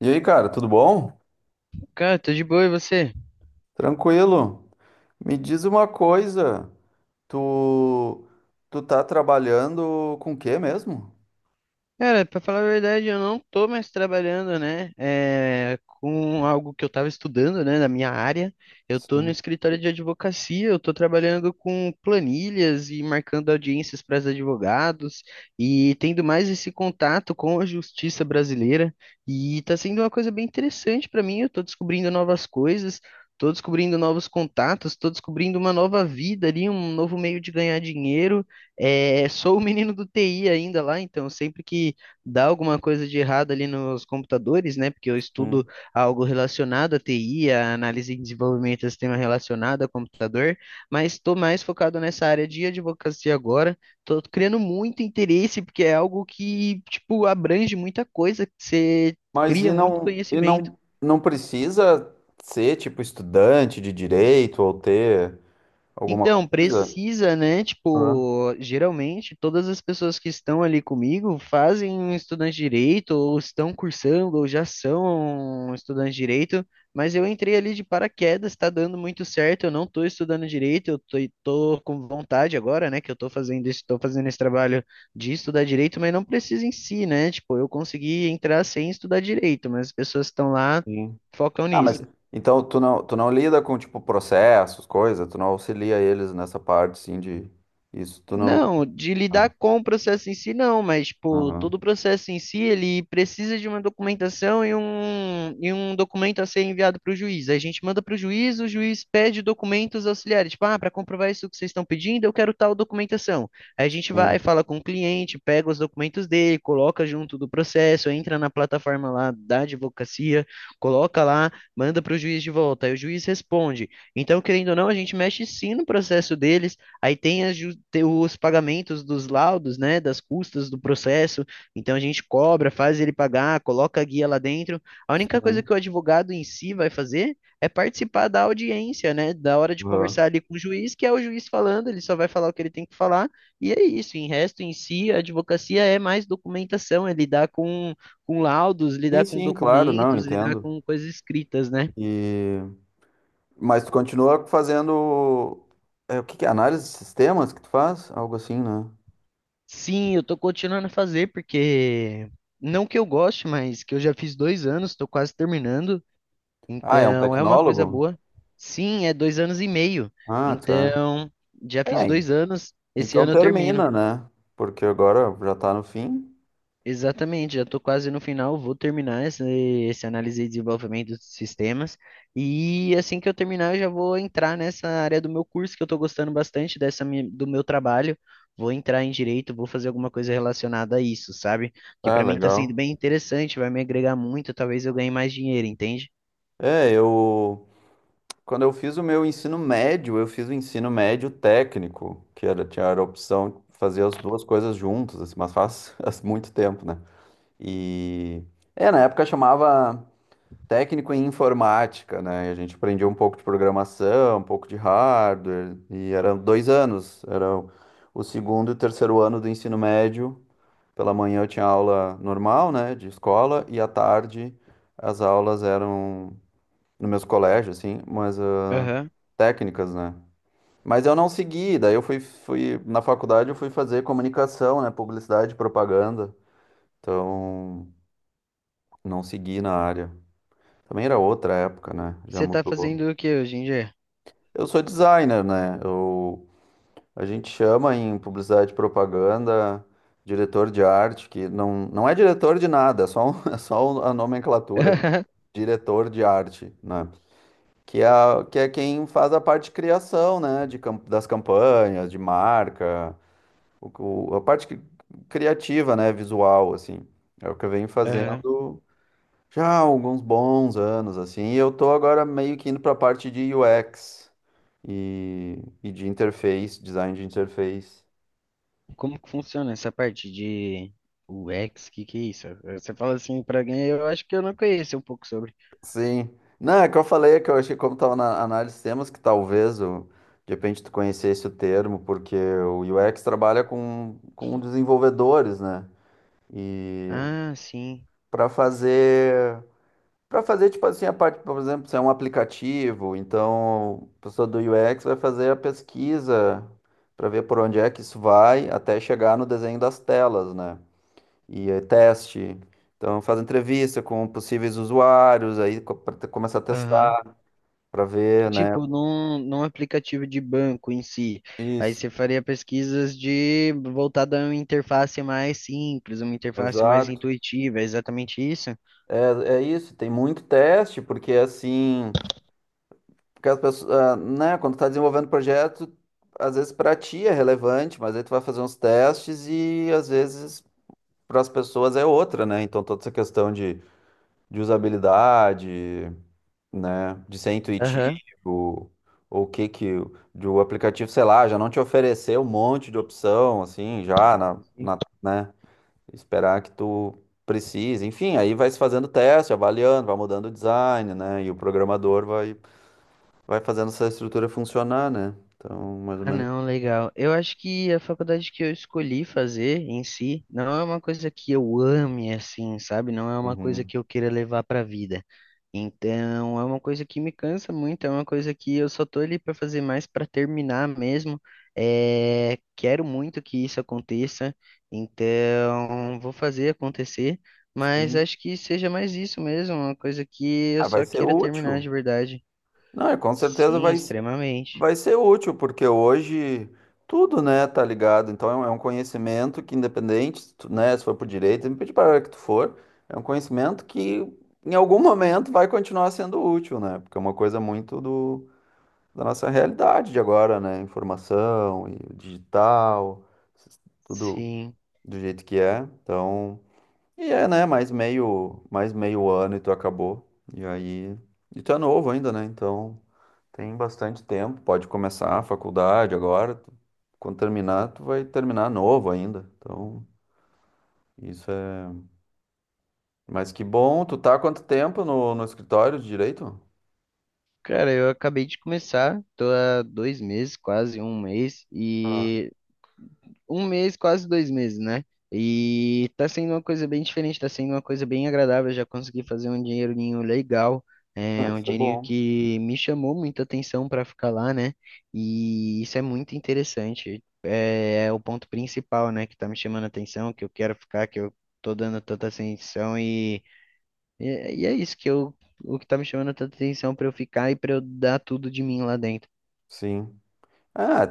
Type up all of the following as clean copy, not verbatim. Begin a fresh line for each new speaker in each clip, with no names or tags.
E aí, cara, tudo bom?
Cara, tô de boa, e você?
Tranquilo. Me diz uma coisa, tu tu tá trabalhando com o quê mesmo?
Cara, pra falar a verdade, eu não tô mais trabalhando, né? É, com algo que eu tava estudando, né, na minha área. Eu tô no
Sim.
escritório de advocacia, eu tô trabalhando com planilhas e marcando audiências para os advogados e tendo mais esse contato com a justiça brasileira. E tá sendo uma coisa bem interessante pra mim, eu tô descobrindo novas coisas. Tô descobrindo novos contatos, tô descobrindo uma nova vida ali, um novo meio de ganhar dinheiro. É, sou o menino do TI ainda lá, então sempre que dá alguma coisa de errado ali nos computadores, né? Porque eu
Hum.
estudo algo relacionado à TI, a análise e desenvolvimento de sistema relacionado a computador, mas estou mais focado nessa área de advocacia agora. Estou criando muito interesse, porque é algo que, tipo, abrange muita coisa, que você
Mas e
cria muito
não e
conhecimento.
não não precisa ser tipo estudante de direito ou ter alguma
Então,
coisa?
precisa, né?
Hã?
Tipo, geralmente todas as pessoas que estão ali comigo fazem um estudante de direito, ou estão cursando, ou já são estudantes de direito, mas eu entrei ali de paraquedas, está dando muito certo, eu não estou estudando direito, eu tô com vontade agora, né, que eu estou fazendo isso, estou fazendo esse trabalho de estudar direito, mas não precisa em si, né? Tipo, eu consegui entrar sem estudar direito, mas as pessoas que estão lá focam
Ah,
nisso.
mas então tu não lida com tipo processos, coisa, tu não auxilia eles nessa parte sim de isso, tu não.
Não, de
Ah,
lidar com o processo em si, não, mas, pô,
aham.
todo o processo em si, ele precisa de uma documentação e um documento a ser enviado para o juiz. Aí a gente manda para o juiz pede documentos auxiliares, tipo, ah, para comprovar isso que vocês estão pedindo, eu quero tal documentação. Aí a gente vai,
Sim,
fala com o cliente, pega os documentos dele, coloca junto do processo, entra na plataforma lá da advocacia, coloca lá, manda para o juiz de volta, aí o juiz responde. Então, querendo ou não, a gente mexe sim no processo dele. Aí tem, tem os pagamentos dos laudos, né, das custas do processo. Então a gente cobra, faz ele pagar, coloca a guia lá dentro. A única coisa
sim.
que o advogado em si vai fazer é participar da audiência, né, da hora de
Aham.
conversar ali com o juiz, que é o juiz falando, ele só vai falar o que ele tem que falar. E é isso, em resto em si, a advocacia é mais documentação, é lidar com laudos,
Sim,
lidar com
sim, claro, não,
documentos, lidar
entendo.
com coisas escritas, né?
E... Mas tu continua fazendo. É, o que que é? Análise de sistemas que tu faz? Algo assim, né?
Sim, eu tô continuando a fazer, porque não que eu goste, mas que eu já fiz dois anos, tô quase terminando,
Ah, é um
então é uma coisa
tecnólogo?
boa. Sim, é dois anos e meio,
Ah, tá.
então já fiz
É,
dois anos, esse
então
ano eu termino.
termina, né? Porque agora já tá no fim.
Exatamente, já estou quase no final, vou terminar esse, esse análise e desenvolvimento de sistemas. E assim que eu terminar, eu já vou entrar nessa área do meu curso, que eu estou gostando bastante do meu trabalho. Vou entrar em direito, vou fazer alguma coisa relacionada a isso, sabe? Que
Ah,
para mim está sendo
legal.
bem interessante, vai me agregar muito, talvez eu ganhe mais dinheiro, entende?
É, eu. Quando eu fiz o meu ensino médio, eu fiz o ensino médio técnico, que era, tinha a opção de fazer as duas coisas juntas, assim, mas faz, faz muito tempo, né? E. É, na época chamava, técnico em informática, né? E a gente aprendia um pouco de programação, um pouco de hardware, e eram 2 anos, era o segundo e o terceiro ano do ensino médio. Pela manhã eu tinha aula normal, né, de escola, e à tarde as aulas eram no meus colégios, assim, mas
Aham.
técnicas, né? Mas eu não segui, daí eu fui na faculdade eu fui fazer comunicação, né, publicidade e propaganda. Então, não segui na área. Também era outra época, né? Já
Você está
mudou.
fazendo o que hoje em dia?
Eu sou designer, né? A gente chama em publicidade e propaganda diretor de arte, que não, não é diretor de nada, é só a nomenclatura, diretor de arte, né? Que é quem faz a parte de criação, né? De, das campanhas, de marca, a parte criativa, né? Visual, assim. É o que eu venho
Aham.
fazendo já há alguns bons anos, assim, e eu tô agora meio que indo para a parte de UX e de interface, design de interface.
Como que funciona essa parte de UX? Que é isso? Você fala assim pra alguém, eu acho que eu não conheço um pouco sobre.
Sim. Não, é que eu falei que eu achei como tava na análise de temas que talvez o, de repente tu conhecesse o termo, porque o UX trabalha com desenvolvedores, né? E
Ah, sim.
para fazer. Para fazer, tipo assim, a parte, por exemplo, se é um aplicativo, então a pessoa do UX vai fazer a pesquisa para ver por onde é que isso vai até chegar no desenho das telas, né? E aí, teste. Então faz entrevista com possíveis usuários, aí para começar a
Aham.
testar, para ver, né?
Tipo, num aplicativo de banco em si. Aí
Isso,
você faria pesquisas de voltada a uma interface mais simples, uma interface mais
exato.
intuitiva, é exatamente isso?
É, é isso, tem muito teste, porque assim, porque as pessoas, né, quando tá desenvolvendo projeto, às vezes para ti é relevante, mas aí tu vai fazer uns testes e às vezes para as pessoas é outra, né? Então toda essa questão de usabilidade, né? De ser intuitivo,
Aham.
ou o que que o de o aplicativo, sei lá, já não te oferecer um monte de opção, assim, já né? Esperar que tu precise. Enfim, aí vai se fazendo teste, avaliando, vai mudando o design, né? E o programador vai fazendo essa estrutura funcionar, né? Então, mais ou
Ah,
menos.
não, legal. Eu acho que a faculdade que eu escolhi fazer em si não é uma coisa que eu ame assim, sabe? Não é uma coisa
Uhum.
que eu queira levar para a vida. Então, é uma coisa que me cansa muito, é uma coisa que eu só tô ali para fazer mais para terminar mesmo. É, quero muito que isso aconteça, então vou fazer acontecer, mas
Sim.
acho que seja mais isso mesmo, uma coisa que eu
Ah, vai
só
ser
queira terminar
útil.
de verdade.
Não, e com certeza
Sim, extremamente.
vai ser útil, porque hoje tudo, né, tá ligado. Então é um conhecimento que, independente, se tu, né, se for por direito, independente para a área que tu for, é um conhecimento que em algum momento vai continuar sendo útil, né? Porque é uma coisa muito do, da nossa realidade de agora, né? Informação e o digital, s- tudo
Sim.
do jeito que é. Então, e é, né, mais meio ano e tu acabou. E aí, e tu é novo ainda, né? Então. Tem bastante tempo, pode começar a faculdade agora. Quando terminar, tu vai terminar novo ainda. Então, isso é. Mas que bom, tu tá há quanto tempo no escritório de direito?
Cara, eu acabei de começar, tô há dois meses, quase um mês,
Ah,
e um mês, quase dois meses, né? E tá sendo uma coisa bem diferente, tá sendo uma coisa bem agradável. Eu já consegui fazer um dinheirinho legal, é
ah,
um
isso é
dinheirinho
bom.
que me chamou muita atenção pra ficar lá, né? E isso é muito interessante. É, é o ponto principal, né, que tá me chamando a atenção, que eu quero ficar, que eu tô dando tanta atenção e é isso que eu, o que tá me chamando tanta atenção pra eu ficar e pra eu dar tudo de mim lá dentro.
Sim. Ah,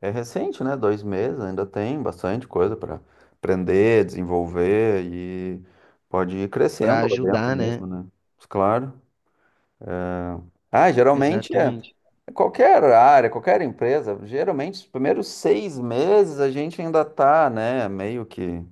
é recente, né? 2 meses, ainda tem bastante coisa para aprender, desenvolver e pode ir
Pra
crescendo lá dentro
ajudar, né?
mesmo, né? Claro. Ah, geralmente é
Exatamente.
qualquer área, qualquer empresa, geralmente os primeiros 6 meses a gente ainda tá, né, meio que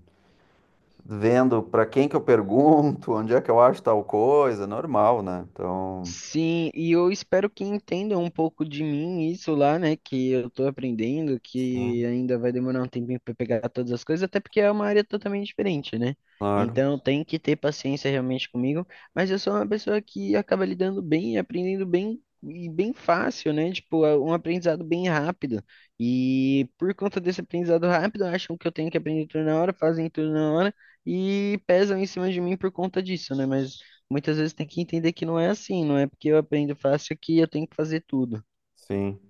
vendo para quem que eu pergunto, onde é que eu acho tal coisa, normal, né? Então,
Sim, e eu espero que entendam um pouco de mim isso lá, né? Que eu tô aprendendo, que
Sim.
ainda vai demorar um tempinho para pegar todas as coisas, até porque é uma área totalmente diferente, né?
Claro,
Então tem que ter paciência realmente comigo, mas eu sou uma pessoa que acaba lidando bem, e aprendendo bem e bem fácil, né? Tipo, é um aprendizado bem rápido. E por conta desse aprendizado rápido, acham que eu tenho que aprender tudo na hora, fazem tudo na hora e pesam em cima de mim por conta disso, né? Mas muitas vezes tem que entender que não é assim, não é porque eu aprendo fácil que eu tenho que fazer tudo.
sim.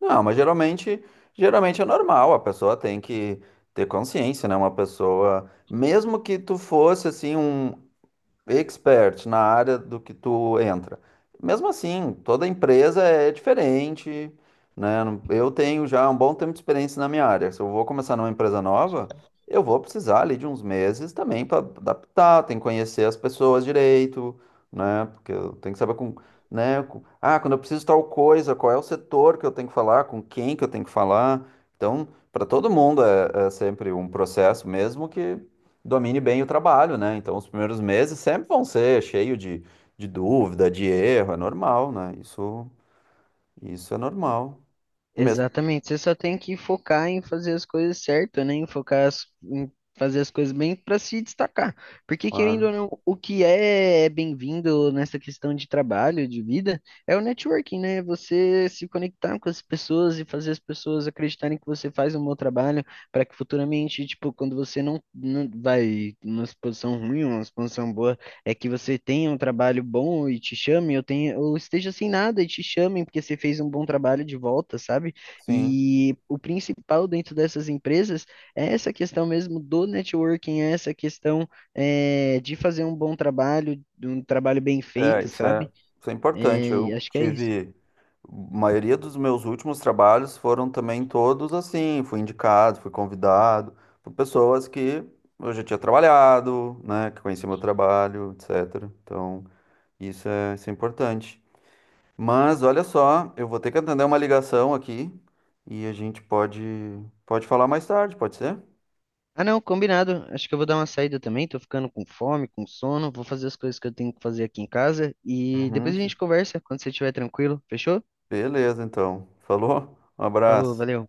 Não, mas geralmente, é normal, a pessoa tem que ter consciência, né? Uma pessoa, mesmo que tu fosse assim um expert na área do que tu entra. Mesmo assim, toda empresa é diferente, né? Eu tenho já um bom tempo de experiência na minha área. Se eu vou começar numa empresa nova, eu vou precisar ali de uns meses também para adaptar, tem que conhecer as pessoas direito, né? Porque eu tenho que saber com, né? Quando eu preciso tal coisa, qual é o setor que eu tenho que falar, com quem que eu tenho que falar. Então, para todo mundo é sempre um processo, mesmo que domine bem o trabalho, né? Então, os primeiros meses sempre vão ser cheio de, dúvida, de erro, é normal, né? Isso, isso é normal. Mesmo,
Exatamente, você só tem que focar em fazer as coisas certas, né? Em fazer as coisas bem para se destacar. Porque, querendo
claro.
ou não, o que é é bem-vindo nessa questão de trabalho, de vida, é o networking, né? Você se conectar com as pessoas e fazer as pessoas acreditarem que você faz um bom trabalho para que futuramente, tipo, quando você não vai numa posição ruim, uma posição boa é que você tenha um trabalho bom e te chamem, eu tenha, ou esteja sem nada e te chamem porque você fez um bom trabalho de volta, sabe?
Sim,
E o principal dentro dessas empresas é essa questão mesmo do networking, é essa questão é, de fazer um bom trabalho, de um trabalho bem
é,
feito,
isso é,
sabe?
isso é importante.
É, e acho que é isso.
A maioria dos meus últimos trabalhos foram também todos assim, fui indicado, fui convidado por pessoas que eu já tinha trabalhado, né, que conheciam meu trabalho, etc. Então, isso é importante. Mas olha só, eu vou ter que atender uma ligação aqui e a gente pode falar mais tarde, pode ser?
Ah, não, combinado. Acho que eu vou dar uma saída também. Tô ficando com fome, com sono. Vou fazer as coisas que eu tenho que fazer aqui em casa. E depois a
Uhum.
gente conversa quando você estiver tranquilo. Fechou?
Beleza, então. Falou? Um
Falou,
abraço.
valeu.